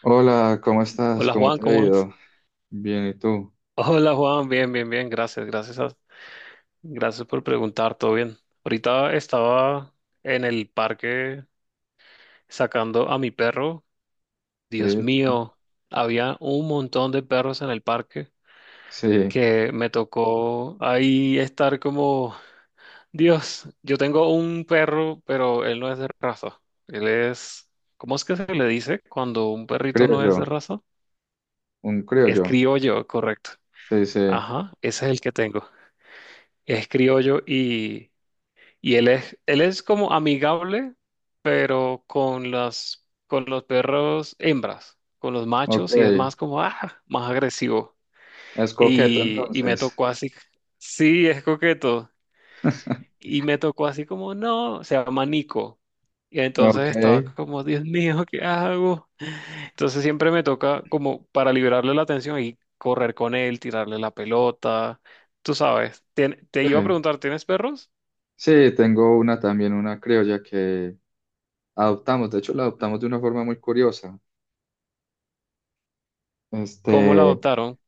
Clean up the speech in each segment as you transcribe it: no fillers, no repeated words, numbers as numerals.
Hola, ¿cómo estás? Hola ¿Cómo Juan, te ha ¿cómo vas? ido? Bien, ¿y tú? Hola Juan, bien, bien, bien, gracias, gracias, gracias por preguntar, todo bien. Ahorita estaba en el parque sacando a mi perro. Dios Sí, mío, había un montón de perros en el parque sí, que me tocó ahí estar como, Dios, yo tengo un perro, pero él no es de raza. Él es, ¿Cómo es que se le dice cuando un perrito no es de criollo, raza? un Es criollo. criollo, correcto. Sí, sí, Ajá, ese es el que tengo. Es criollo y él es como amigable, pero con los perros hembras, con los machos, y es ok. más como, más agresivo. Es coqueto Y me entonces. tocó así, sí, es coqueto. Y me tocó así como, no, se llama Nico. Y Ok, entonces estaba como, Dios mío, ¿qué hago? Entonces siempre me toca como para liberarle la atención y correr con él, tirarle la pelota. Tú sabes, te iba a sí. preguntar, ¿tienes perros? Sí, tengo una también, una criolla que adoptamos. De hecho, la adoptamos de una forma muy curiosa. ¿Cómo la Este, adoptaron?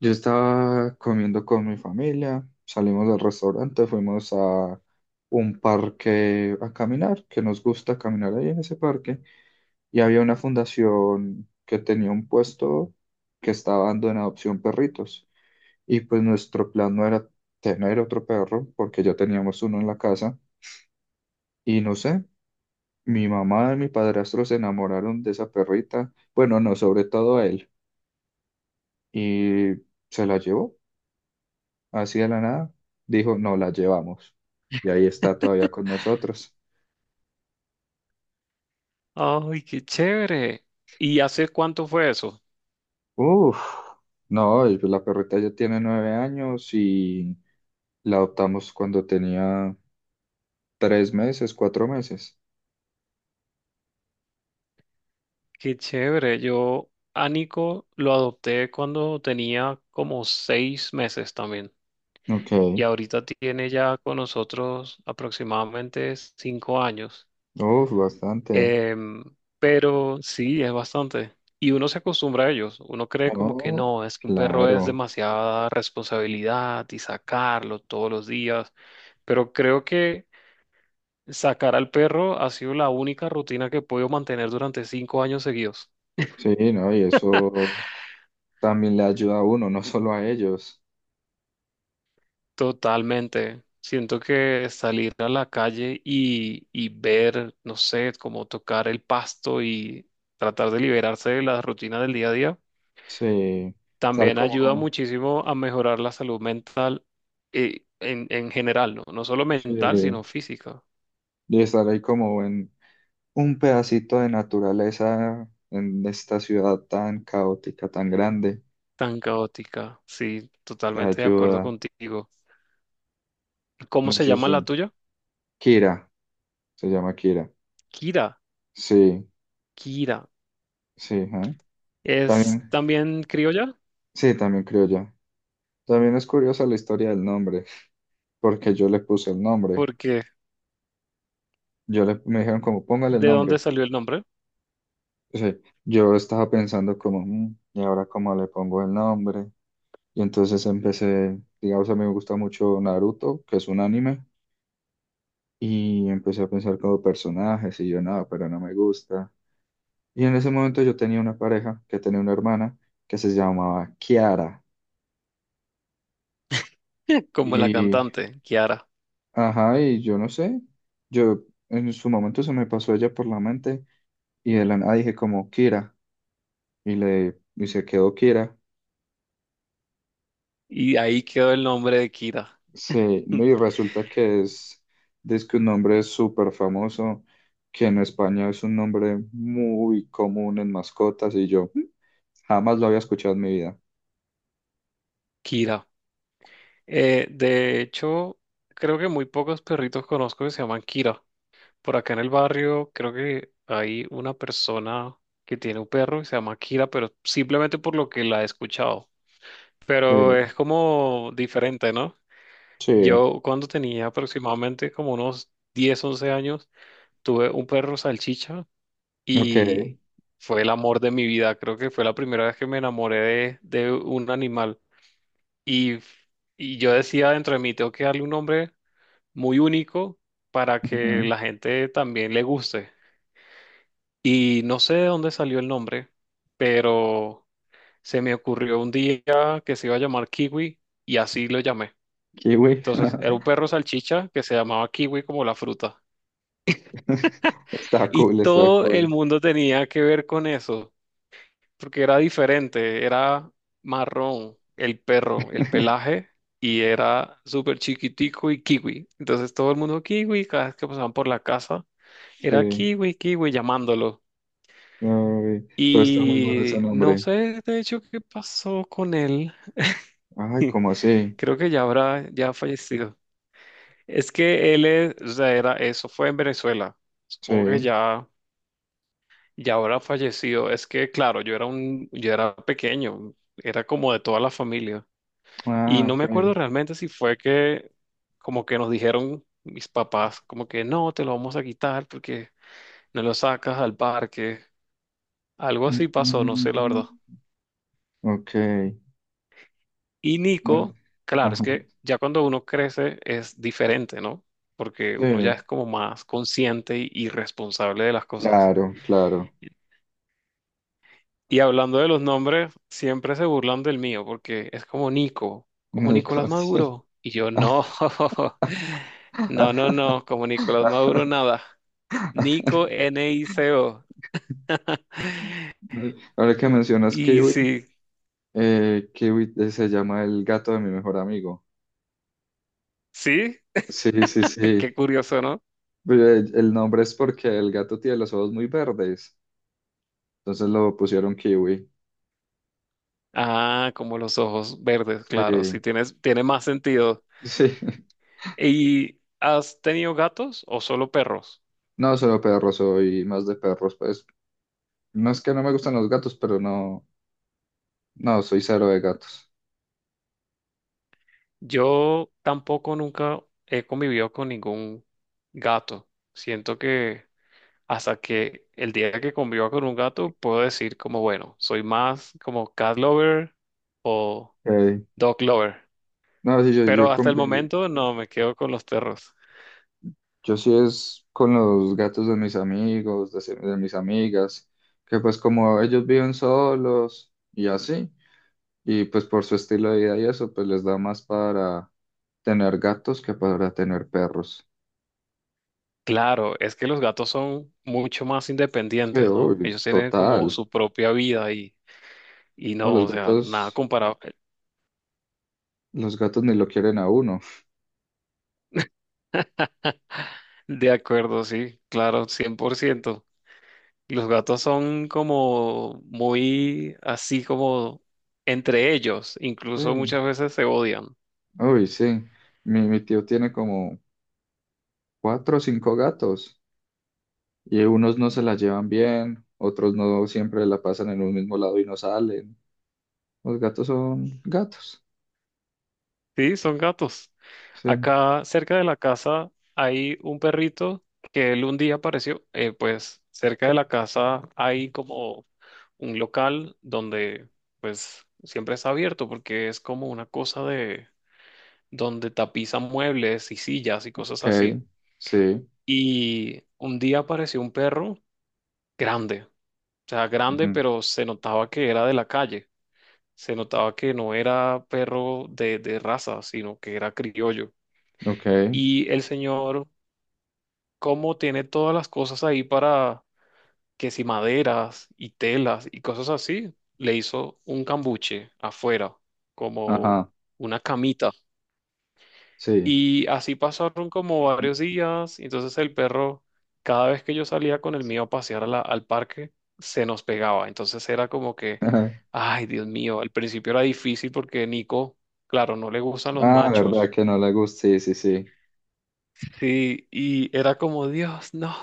yo estaba comiendo con mi familia, salimos del restaurante, fuimos a un parque a caminar, que nos gusta caminar ahí en ese parque. Y había una fundación que tenía un puesto que estaba dando en adopción perritos. Y pues nuestro plan no era tener otro perro, porque ya teníamos uno en la casa. Y no sé, mi mamá y mi padrastro se enamoraron de esa perrita. Bueno, no, sobre todo a él. Y se la llevó, así de la nada. Dijo, no, la llevamos. Y ahí está todavía con nosotros. Ay, qué chévere. ¿Y hace cuánto fue eso? Uf, no, y pues la perrita ya tiene 9 años y la adoptamos cuando tenía 3 meses, 4 meses. Qué chévere. Yo a Nico lo adopté cuando tenía como 6 meses también. Ok. Y ahorita tiene ya con nosotros aproximadamente 5 años. Uf, bastante. Em, pero sí, es bastante. Y uno se acostumbra a ellos. Uno cree como que No, no, es que un perro es claro. demasiada responsabilidad y sacarlo todos los días. Pero creo que sacar al perro ha sido la única rutina que he podido mantener durante 5 años seguidos. Sí, no, y eso también le ayuda a uno, no solo a ellos. Totalmente. Siento que salir a la calle y ver, no sé, como tocar el pasto y tratar de liberarse de las rutinas del día a día, Sí. Estar también ayuda como, muchísimo a mejorar la salud mental en general, ¿no? No solo mental, sí. sino física. Y estar ahí como en un pedacito de naturaleza en esta ciudad tan caótica, tan grande, Tan caótica. Sí, te totalmente de ayuda. acuerdo contigo. ¿Cómo No se sé, es llama la tuya? Kira, se llama Kira. Kira. Sí, Kira. sí, ajá. Es También, también criolla. sí, también creo ya. También es curiosa la historia del nombre, porque yo le puse el nombre. ¿Porque Me dijeron como, póngale el de dónde nombre. salió el nombre? O sea, yo estaba pensando como, "Mm, ¿y ahora cómo le pongo el nombre?" Y entonces empecé, digamos, a mí me gusta mucho Naruto, que es un anime, y empecé a pensar como personajes y yo nada, pero no me gusta. Y en ese momento yo tenía una pareja que tenía una hermana que se llamaba Kiara. Como la Y, cantante, Kiara. ajá, y yo no sé, yo en su momento se me pasó ella por la mente y de la nada dije como, Kira. Y se quedó Kira. Y ahí quedó el nombre de Kira. Sí, no, y resulta que es que un nombre súper famoso, que en España es un nombre muy común en mascotas, y yo "Mm, jamás lo había escuchado en mi vida". Kira. De hecho, creo que muy pocos perritos conozco que se llaman Kira. Por acá en el barrio, creo que hay una persona que tiene un perro que se llama Kira, pero simplemente por lo que la he escuchado. Pero Sí, es como diferente, ¿no? sí, Yo cuando tenía aproximadamente como unos 10, 11 años, tuve un perro salchicha ok. y fue el amor de mi vida. Creo que fue la primera vez que me enamoré de un animal. Y, y yo decía dentro de mí, tengo que darle un nombre muy único para que Ujú. la gente también le guste. Y no sé de dónde salió el nombre, pero se me ocurrió un día que se iba a llamar Kiwi y así lo llamé. Kiwi. Entonces era un perro salchicha que se llamaba Kiwi como la fruta. Está Y cool, está todo el cool. mundo tenía que ver con eso, porque era diferente, era marrón el perro, el pelaje, y era súper chiquitico y kiwi. Entonces todo el mundo kiwi, cada vez que pasaban por la casa, era Sí, kiwi, kiwi llamándolo. ay, pero está muy bueno ese Y no nombre. sé de hecho qué pasó con él, Ay, ¿cómo así? creo que ya ha fallecido. Es que o sea, era eso, fue en Venezuela, supongo que Sí. ya habrá fallecido. Es que claro, yo era pequeño, era como de toda la familia. Y Ah, no ok. me acuerdo realmente si fue que como que nos dijeron mis papás, como que no, te lo vamos a quitar porque no lo sacas al parque. Algo Mm, así pasó, no mm, sé la verdad. mm, mm, ok. Y Nico, claro, es ajá. que ya cuando uno crece es diferente, ¿no? Porque Sí, uno ya es como más consciente y responsable de las cosas. claro, claro. Y hablando de los nombres, siempre se burlan del mío porque es como Nico, como Nico, Nicolás sí. Maduro. Y yo no, no, no, no, como Nicolás Maduro nada. Nico NICO. Ahora que mencionas Y Kiwi, sí, Kiwi se llama el gato de mi mejor amigo. sí, Sí, sí, qué sí. curioso, ¿no? Pero el nombre es porque el gato tiene los ojos muy verdes, entonces lo pusieron Kiwi. Ah, como los ojos verdes, claro, sí, Sí, tiene más sentido. sí. ¿Y has tenido gatos o solo perros? No, solo perro, soy más de perros, pues. No es que no me gustan los gatos, pero no, no, soy cero de gatos. Yo tampoco nunca he convivido con ningún gato. Siento que hasta que el día que conviva con un gato, puedo decir como, bueno, soy más como cat lover o Ok. dog lover. No, sí, yo Pero hasta el convivo. momento no, me quedo con los perros. Yo sí es con los gatos de mis amigos, de, de mis amigas, que pues como ellos viven solos y así, y pues por su estilo de vida y eso, pues les da más para tener gatos que para tener perros. Claro, es que los gatos son mucho más Sí, independientes, ¿no? uy, Ellos tienen como total. su propia vida y No, no, o sea, nada comparado. los gatos ni lo quieren a uno. De acuerdo, sí, claro, 100%. Los gatos son como muy así como entre ellos, Sí, incluso muchas veces se odian. uy, sí. Mi tío tiene como cuatro o cinco gatos y unos no se la llevan bien, otros no siempre la pasan en un mismo lado y no salen. Los gatos son gatos. Sí, son gatos. Sí. Acá cerca de la casa hay un perrito que él un día apareció. Pues cerca de la casa hay como un local donde pues siempre está abierto porque es como una cosa de donde tapizan muebles y sillas y cosas así. Ok. Sí. Y un día apareció un perro grande, o sea, grande, Ujú. pero se notaba que era de la calle. Se notaba que no era perro de raza, sino que era criollo. Ok. Y el señor, como tiene todas las cosas ahí para que si maderas y telas y cosas así, le hizo un cambuche afuera, como Ajá. una camita. Sí. Y así pasaron como varios días, y entonces el perro, cada vez que yo salía con el mío a pasear al parque, se nos pegaba. Entonces era como que, ay, Dios mío, al principio era difícil porque Nico, claro, no le gustan los Ah, verdad machos. que no le gusta. Sí, sí, sí. Sí, y era como, Dios, no,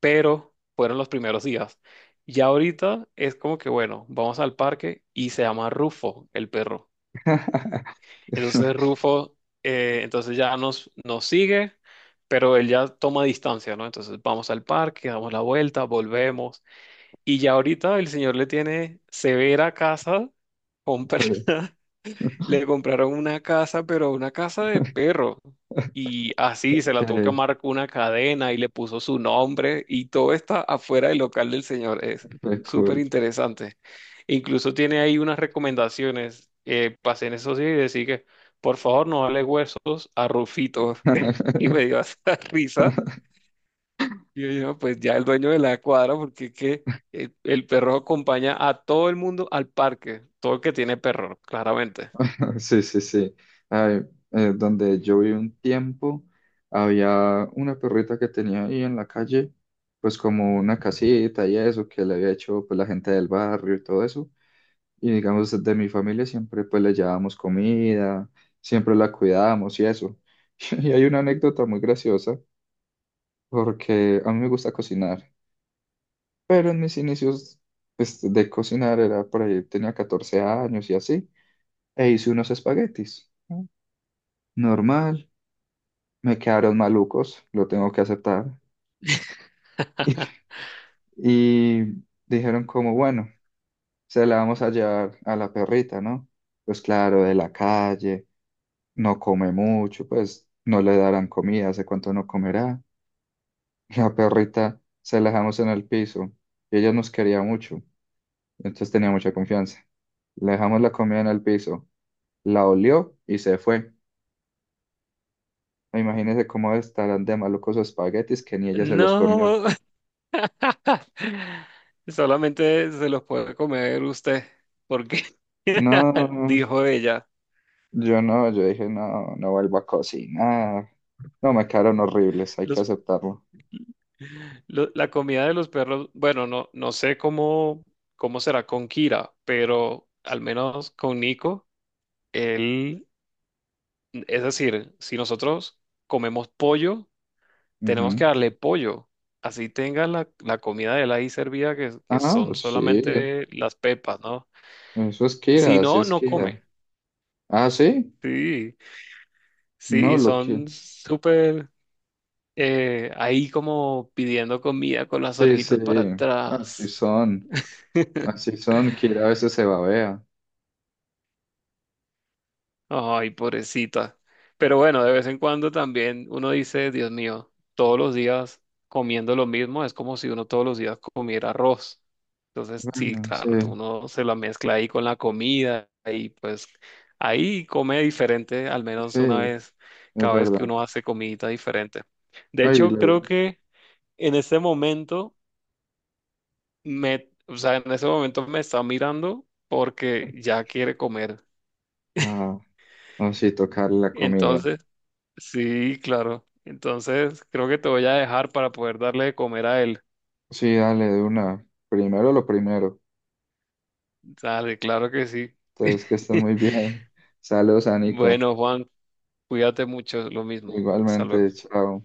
pero fueron los primeros días. Ya ahorita es como que, bueno, vamos al parque y se llama Rufo, el perro. Entonces Rufo, entonces ya nos sigue, pero él ya toma distancia, ¿no? Entonces vamos al parque, damos la vuelta, volvemos. Y ya ahorita el señor le tiene severa casa Sí. comprada. Le compraron una casa, pero una casa de perro. Y así se Ok, la tuvo que amar con una cadena y le puso su nombre y todo está afuera del local del señor. Es fue súper cool. interesante. Incluso tiene ahí unas recomendaciones. Pasé en eso sí y decía que por favor no dale huesos a Rufito. Y me dio hasta risa. Y yo, "No, pues ya el dueño de la cuadra, porque es que el perro acompaña a todo el mundo al parque, todo el que tiene perro, claramente." Sí, sí, sí. Ay, donde yo viví un tiempo, había una perrita que tenía ahí en la calle, pues como una casita y eso, que le había hecho pues la gente del barrio y todo eso. Y digamos, de mi familia siempre pues le llevábamos comida, siempre la cuidábamos y eso. Y hay una anécdota muy graciosa, porque a mí me gusta cocinar, pero en mis inicios pues, de cocinar era por ahí, tenía 14 años y así, e hice unos espaguetis, ¿no? Normal, me quedaron malucos, lo tengo que aceptar. Y dijeron como, bueno, se la vamos a llevar a la perrita, ¿no? Pues claro, de la calle no come mucho, pues no le darán comida, hace cuánto no comerá. La perrita se la dejamos en el piso y ella nos quería mucho, entonces tenía mucha confianza. Le dejamos la comida en el piso, la olió y se fue. Imagínense cómo estarán de malucos los espaguetis que ni ella se los comió. No, solamente se los puede comer usted, porque, No, dijo ella. yo no, yo dije, no, no vuelvo a cocinar. No, me quedaron horribles, hay que Los, aceptarlo. La comida de los perros, bueno, no, no sé cómo será con Kira, pero al menos con Nico, él, es decir, si nosotros comemos pollo, tenemos que Ujú. darle pollo. Así tenga la comida de él ahí servida, que Ah, son pues sí, solamente las pepas, ¿no? eso es Si Kira, así no, es no come. Kira. Ah, sí, Sí, sí, no, y lo que, son súper. Ahí como pidiendo comida con las sí, sí, orejitas para así atrás. son, así son, Kira a veces se babea. Ay, pobrecita. Pero bueno, de vez en cuando también uno dice, Dios mío, todos los días comiendo lo mismo es como si uno todos los días comiera arroz. Entonces, sí, Bueno, claro, tú sí, uno se la mezcla ahí con la comida y pues ahí come diferente, al menos una sí, vez, es cada vez que verdad. uno hace comidita diferente. De Ay, hecho, creo lo- que en este momento... me, o sea, en ese momento me está mirando porque ya quiere comer. ah, no, sí, tocar la comida. Entonces, sí, claro. Entonces, creo que te voy a dejar para poder darle de comer a él. Sí, dale, de una. Primero lo primero. Dale, claro que sí. Entonces, que estén muy bien. Saludos a Nico. Bueno, Juan, cuídate mucho, lo mismo. Hasta luego. Igualmente, chao.